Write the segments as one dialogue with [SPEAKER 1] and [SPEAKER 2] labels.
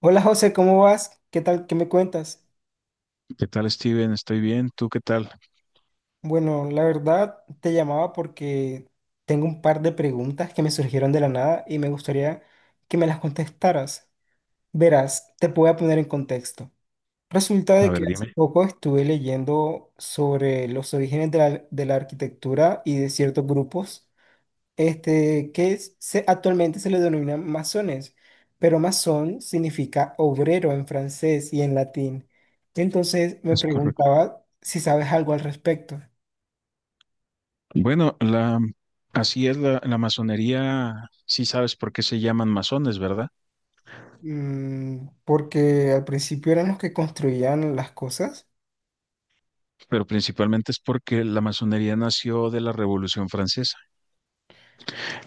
[SPEAKER 1] Hola José, ¿cómo vas? ¿Qué tal? ¿Qué me cuentas?
[SPEAKER 2] ¿Qué tal, Steven? Estoy bien. ¿Tú qué tal?
[SPEAKER 1] Bueno, la verdad te llamaba porque tengo un par de preguntas que me surgieron de la nada y me gustaría que me las contestaras. Verás, te voy a poner en contexto. Resulta
[SPEAKER 2] A
[SPEAKER 1] de que
[SPEAKER 2] ver,
[SPEAKER 1] hace
[SPEAKER 2] dime.
[SPEAKER 1] poco estuve leyendo sobre los orígenes de la arquitectura y de ciertos grupos. Actualmente se le denomina masones, pero masón significa obrero en francés y en latín. Entonces me
[SPEAKER 2] Es correcto.
[SPEAKER 1] preguntaba si sabes algo al respecto.
[SPEAKER 2] Bueno, así es la masonería. Sí sabes por qué se llaman masones, ¿verdad?
[SPEAKER 1] Mm, porque al principio eran los que construían las cosas.
[SPEAKER 2] Pero principalmente es porque la masonería nació de la Revolución Francesa.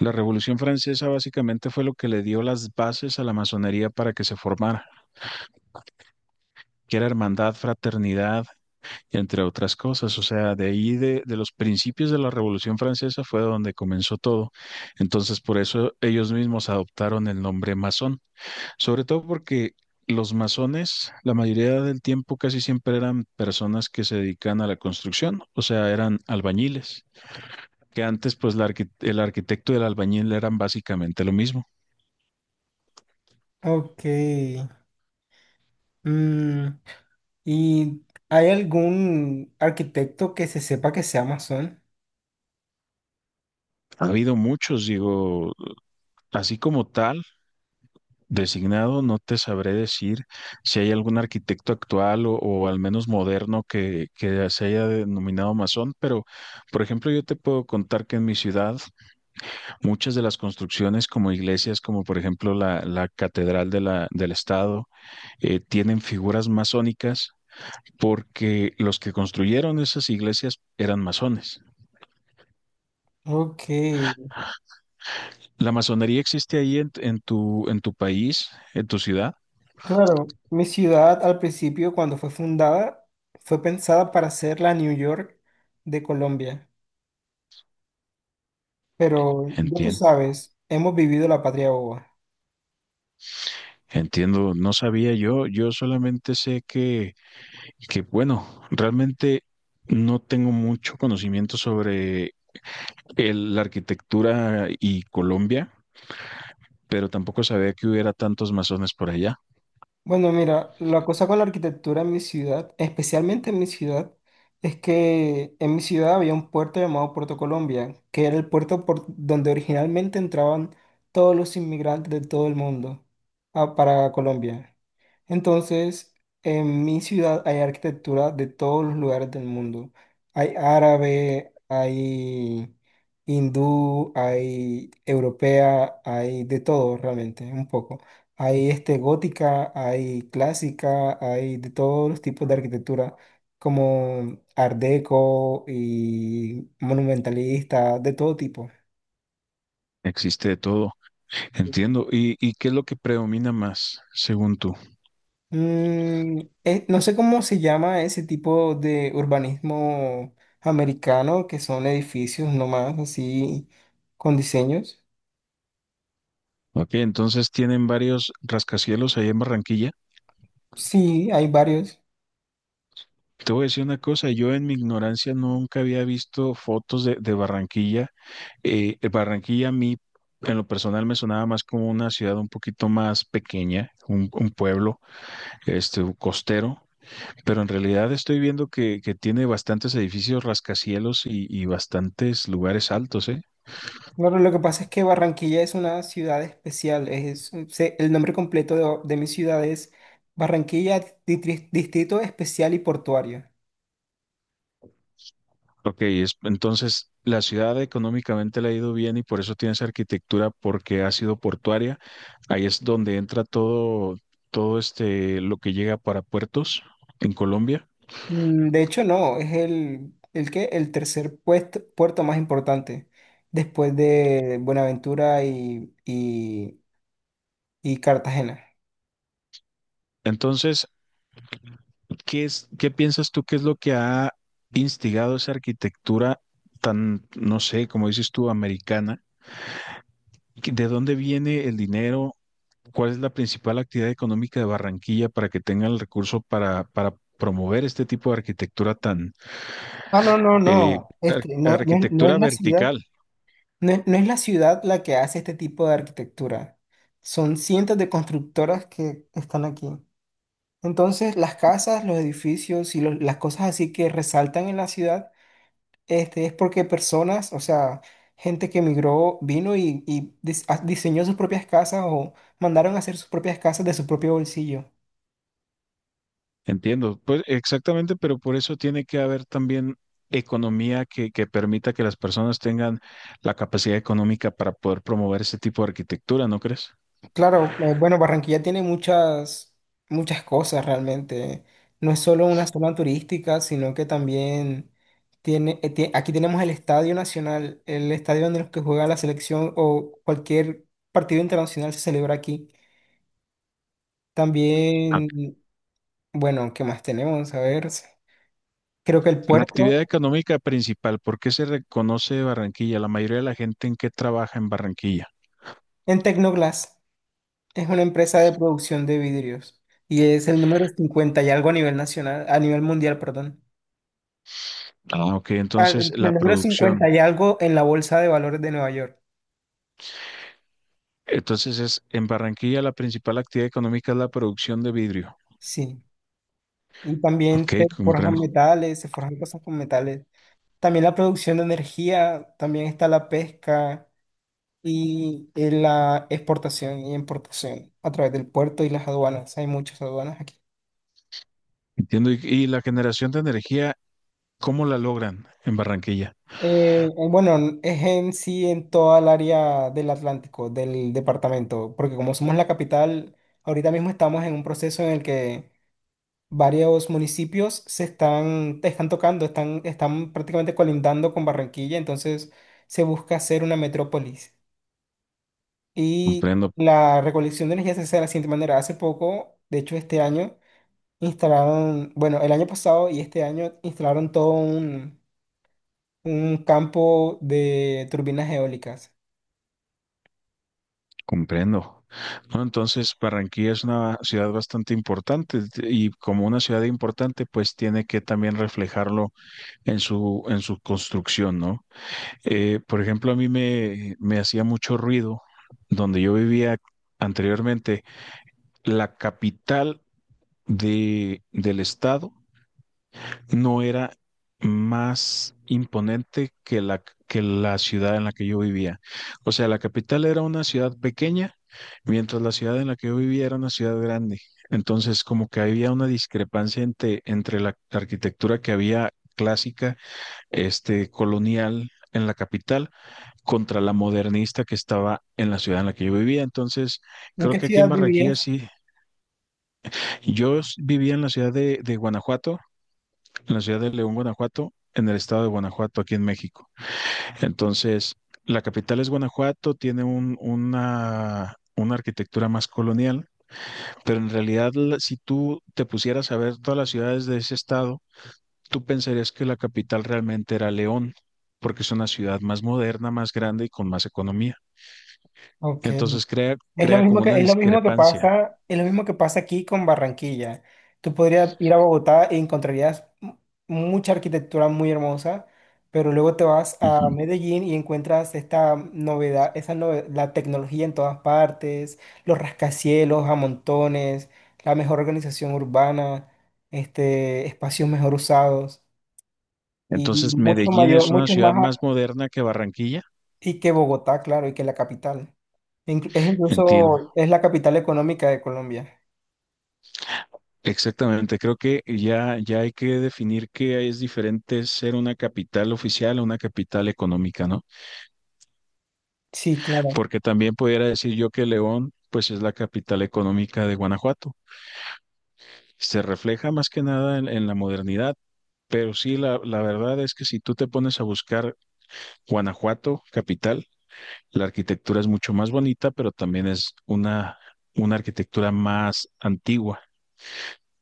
[SPEAKER 2] La Revolución Francesa básicamente fue lo que le dio las bases a la masonería para que se formara, que era hermandad, fraternidad, entre otras cosas. O sea, de ahí de los principios de la Revolución Francesa fue donde comenzó todo. Entonces, por eso ellos mismos adoptaron el nombre masón. Sobre todo porque los masones, la mayoría del tiempo casi siempre eran personas que se dedican a la construcción, o sea, eran albañiles, que antes pues el arquitecto y el albañil eran básicamente lo mismo.
[SPEAKER 1] Ok. Mm, ¿y hay algún arquitecto que se sepa que sea masón?
[SPEAKER 2] Ha habido muchos, digo, así como tal, designado, no te sabré decir si hay algún arquitecto actual o al menos moderno que se haya denominado masón, pero por ejemplo yo te puedo contar que en mi ciudad muchas de las construcciones como iglesias, como por ejemplo la Catedral de del Estado, tienen figuras masónicas porque los que construyeron esas iglesias eran masones.
[SPEAKER 1] Ok.
[SPEAKER 2] ¿La masonería existe ahí en tu país, en tu ciudad?
[SPEAKER 1] Claro, mi ciudad al principio, cuando fue fundada, fue pensada para ser la New York de Colombia, pero ya tú
[SPEAKER 2] Entiendo,
[SPEAKER 1] sabes, hemos vivido la patria boba.
[SPEAKER 2] entiendo, no sabía yo, yo solamente sé que bueno, realmente no tengo mucho conocimiento sobre la arquitectura y Colombia, pero tampoco sabía que hubiera tantos masones por allá.
[SPEAKER 1] Bueno, mira, la cosa con la arquitectura en mi ciudad, especialmente en mi ciudad, es que en mi ciudad había un puerto llamado Puerto Colombia, que era el puerto por donde originalmente entraban todos los inmigrantes de todo el mundo para Colombia. Entonces, en mi ciudad hay arquitectura de todos los lugares del mundo. Hay árabe, hay hindú, hay europea, hay de todo realmente, un poco. Hay gótica, hay clásica, hay de todos los tipos de arquitectura, como art deco y monumentalista, de todo tipo.
[SPEAKER 2] Existe de todo, entiendo. Y qué es lo que predomina más, según tú?
[SPEAKER 1] Mm, no sé cómo se llama ese tipo de urbanismo americano, que son edificios nomás así con diseños.
[SPEAKER 2] Ok, entonces tienen varios rascacielos ahí en Barranquilla.
[SPEAKER 1] Sí, hay varios.
[SPEAKER 2] Te voy a decir una cosa, yo en mi ignorancia nunca había visto fotos de Barranquilla. Barranquilla a mí, en lo personal, me sonaba más como una ciudad un poquito más pequeña, un pueblo, costero, pero en realidad estoy viendo que tiene bastantes edificios rascacielos y bastantes lugares altos, ¿eh?
[SPEAKER 1] Bueno, lo que pasa es que Barranquilla es una ciudad especial. El nombre completo de mi ciudad es Barranquilla Distrito Especial y Portuario.
[SPEAKER 2] Ok, entonces la ciudad económicamente le ha ido bien y por eso tiene esa arquitectura porque ha sido portuaria. Ahí es donde entra todo, todo este, lo que llega para puertos en Colombia.
[SPEAKER 1] Mm, de hecho, no, es el tercer puerto más importante después de Buenaventura y Cartagena.
[SPEAKER 2] Entonces, ¿qué es, qué piensas tú que es lo que ha instigado esa arquitectura tan, no sé, como dices tú, americana? ¿Qué- ¿De dónde viene el dinero? ¿Cuál es la principal actividad económica de Barranquilla para que tenga el recurso para promover este tipo de arquitectura tan...
[SPEAKER 1] Ah, no, no,
[SPEAKER 2] Eh,
[SPEAKER 1] no. No, no es
[SPEAKER 2] arquitectura
[SPEAKER 1] la ciudad,
[SPEAKER 2] vertical,
[SPEAKER 1] no es la ciudad la que hace este tipo de arquitectura. Son cientos de constructoras que están aquí. Entonces, las casas, los edificios y las cosas así que resaltan en la ciudad, es porque personas, o sea, gente que emigró, vino y diseñó sus propias casas o mandaron a hacer sus propias casas de su propio bolsillo.
[SPEAKER 2] entiendo. Pues exactamente, pero por eso tiene que haber también economía que permita que las personas tengan la capacidad económica para poder promover ese tipo de arquitectura, ¿no crees?
[SPEAKER 1] Claro, bueno, Barranquilla tiene muchas cosas realmente. No es solo una zona turística, sino que también aquí tenemos el Estadio Nacional, el estadio donde los que juega la selección o cualquier partido internacional se celebra aquí.
[SPEAKER 2] Ah,
[SPEAKER 1] También, bueno, ¿qué más tenemos? A ver, sí, creo que el
[SPEAKER 2] la
[SPEAKER 1] puerto
[SPEAKER 2] actividad económica principal, ¿por qué se reconoce Barranquilla? La mayoría de la gente en qué trabaja en Barranquilla.
[SPEAKER 1] en Tecnoglass es una empresa de producción de vidrios y es el número 50 y algo a nivel nacional, a nivel mundial, perdón.
[SPEAKER 2] Ah, ok,
[SPEAKER 1] Ah,
[SPEAKER 2] entonces
[SPEAKER 1] El
[SPEAKER 2] la
[SPEAKER 1] el número 50
[SPEAKER 2] producción.
[SPEAKER 1] y algo en la bolsa de valores de Nueva York.
[SPEAKER 2] Entonces es en Barranquilla la principal actividad económica es la producción de vidrio.
[SPEAKER 1] Sí. Y también se
[SPEAKER 2] Ok,
[SPEAKER 1] forjan
[SPEAKER 2] comprendo.
[SPEAKER 1] metales, se forjan cosas con metales. También la producción de energía, también está la pesca y la exportación y importación a través del puerto y las aduanas. Hay muchas aduanas aquí.
[SPEAKER 2] Entiendo. Y la generación de energía, ¿cómo la logran en Barranquilla?
[SPEAKER 1] Bueno, es en sí en toda el área del Atlántico, del departamento, porque como somos la capital, ahorita mismo estamos en un proceso en el que varios municipios te están tocando, están prácticamente colindando con Barranquilla, entonces se busca hacer una metrópolis. Y
[SPEAKER 2] Comprendo,
[SPEAKER 1] la recolección de energía se hace de la siguiente manera. Hace poco, de hecho este año, instalaron, bueno, el año pasado y este año instalaron todo un campo de turbinas eólicas.
[SPEAKER 2] comprendo. ¿No? Entonces, Barranquilla es una ciudad bastante importante y como una ciudad importante, pues tiene que también reflejarlo en su construcción, ¿no? Por ejemplo, a mí me hacía mucho ruido donde yo vivía anteriormente, la capital del estado no era más imponente que que la ciudad en la que yo vivía. O sea, la capital era una ciudad pequeña, mientras la ciudad en la que yo vivía era una ciudad grande. Entonces, como que había una discrepancia entre la arquitectura que había clásica, colonial en la capital, contra la modernista que estaba en la ciudad en la que yo vivía. Entonces,
[SPEAKER 1] ¿En
[SPEAKER 2] creo
[SPEAKER 1] qué
[SPEAKER 2] que aquí en
[SPEAKER 1] ciudad
[SPEAKER 2] Barranquilla
[SPEAKER 1] vivías?
[SPEAKER 2] sí. Vivía en la ciudad de Guanajuato, en la ciudad de León, Guanajuato, en el estado de Guanajuato, aquí en México. Entonces, la capital es Guanajuato, tiene una arquitectura más colonial, pero en realidad si tú te pusieras a ver todas las ciudades de ese estado, tú pensarías que la capital realmente era León, porque es una ciudad más moderna, más grande y con más economía.
[SPEAKER 1] Ok.
[SPEAKER 2] Entonces
[SPEAKER 1] Es lo
[SPEAKER 2] crea
[SPEAKER 1] mismo
[SPEAKER 2] como
[SPEAKER 1] que,
[SPEAKER 2] una
[SPEAKER 1] es lo mismo que
[SPEAKER 2] discrepancia.
[SPEAKER 1] pasa, Es lo mismo que pasa aquí con Barranquilla. Tú podrías ir a Bogotá e encontrarías mucha arquitectura muy hermosa, pero luego te vas a
[SPEAKER 2] Ujú.
[SPEAKER 1] Medellín y encuentras esta novedad, la tecnología en todas partes, los rascacielos a montones, la mejor organización urbana, espacios mejor usados y
[SPEAKER 2] Entonces
[SPEAKER 1] mucho
[SPEAKER 2] Medellín
[SPEAKER 1] mayor,
[SPEAKER 2] es una ciudad más moderna que Barranquilla,
[SPEAKER 1] y que Bogotá, claro, y que la capital.
[SPEAKER 2] entiendo.
[SPEAKER 1] Es la capital económica de Colombia.
[SPEAKER 2] Exactamente, creo que ya hay que definir que es diferente ser una capital oficial a una capital económica, ¿no?
[SPEAKER 1] Sí, claro.
[SPEAKER 2] Porque también pudiera decir yo que León, pues es la capital económica de Guanajuato. Se refleja más que nada en, en la modernidad, pero sí, la verdad es que si tú te pones a buscar Guanajuato, capital, la arquitectura es mucho más bonita, pero también es una arquitectura más antigua.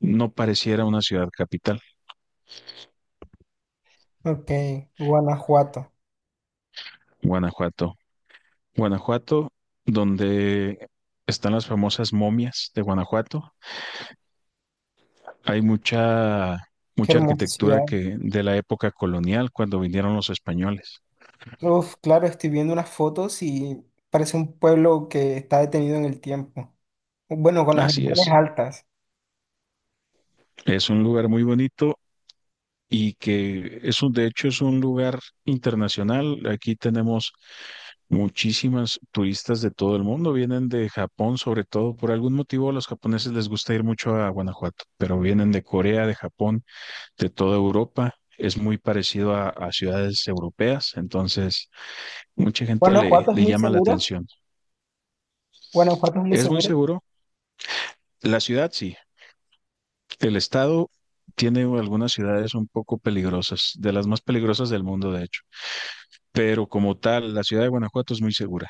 [SPEAKER 2] No pareciera una ciudad capital,
[SPEAKER 1] Ok, Guanajuato.
[SPEAKER 2] Guanajuato. Guanajuato, donde están las famosas momias de Guanajuato. Hay mucha,
[SPEAKER 1] Qué
[SPEAKER 2] mucha
[SPEAKER 1] hermosa
[SPEAKER 2] arquitectura
[SPEAKER 1] ciudad.
[SPEAKER 2] que de la época colonial, cuando vinieron los españoles.
[SPEAKER 1] Uf, claro, estoy viendo unas fotos y parece un pueblo que está detenido en el tiempo. Bueno, con las
[SPEAKER 2] Así
[SPEAKER 1] ventanas
[SPEAKER 2] es.
[SPEAKER 1] altas.
[SPEAKER 2] Es un lugar muy bonito y que es un, de hecho, es un lugar internacional. Aquí tenemos muchísimas turistas de todo el mundo. Vienen de Japón, sobre todo. Por algún motivo, a los japoneses les gusta ir mucho a Guanajuato, pero vienen de Corea, de Japón, de toda Europa. Es muy parecido a ciudades europeas, entonces mucha gente
[SPEAKER 1] Guanajuato es
[SPEAKER 2] le
[SPEAKER 1] muy
[SPEAKER 2] llama la
[SPEAKER 1] seguro.
[SPEAKER 2] atención.
[SPEAKER 1] Guanajuato es muy
[SPEAKER 2] Es muy
[SPEAKER 1] seguro.
[SPEAKER 2] seguro. La ciudad sí. El estado tiene algunas ciudades un poco peligrosas, de las más peligrosas del mundo, de hecho. Pero como tal, la ciudad de Guanajuato es muy segura.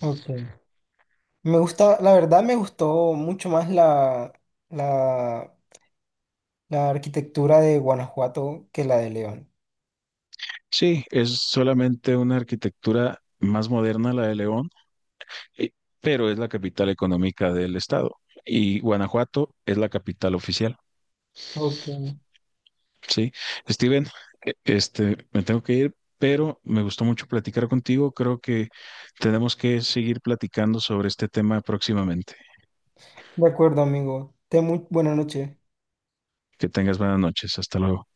[SPEAKER 1] Ok. Me gusta, la verdad me gustó mucho más la, la arquitectura de Guanajuato que la de León.
[SPEAKER 2] Sí, es solamente una arquitectura más moderna la de León, eh, pero es la capital económica del estado. Y Guanajuato es la capital oficial.
[SPEAKER 1] Ok.
[SPEAKER 2] Sí, Steven, me tengo que ir, pero me gustó mucho platicar contigo. Creo que tenemos que seguir platicando sobre este tema próximamente.
[SPEAKER 1] De acuerdo, amigo. Ten muy buena noche.
[SPEAKER 2] Que tengas buenas noches. Hasta luego.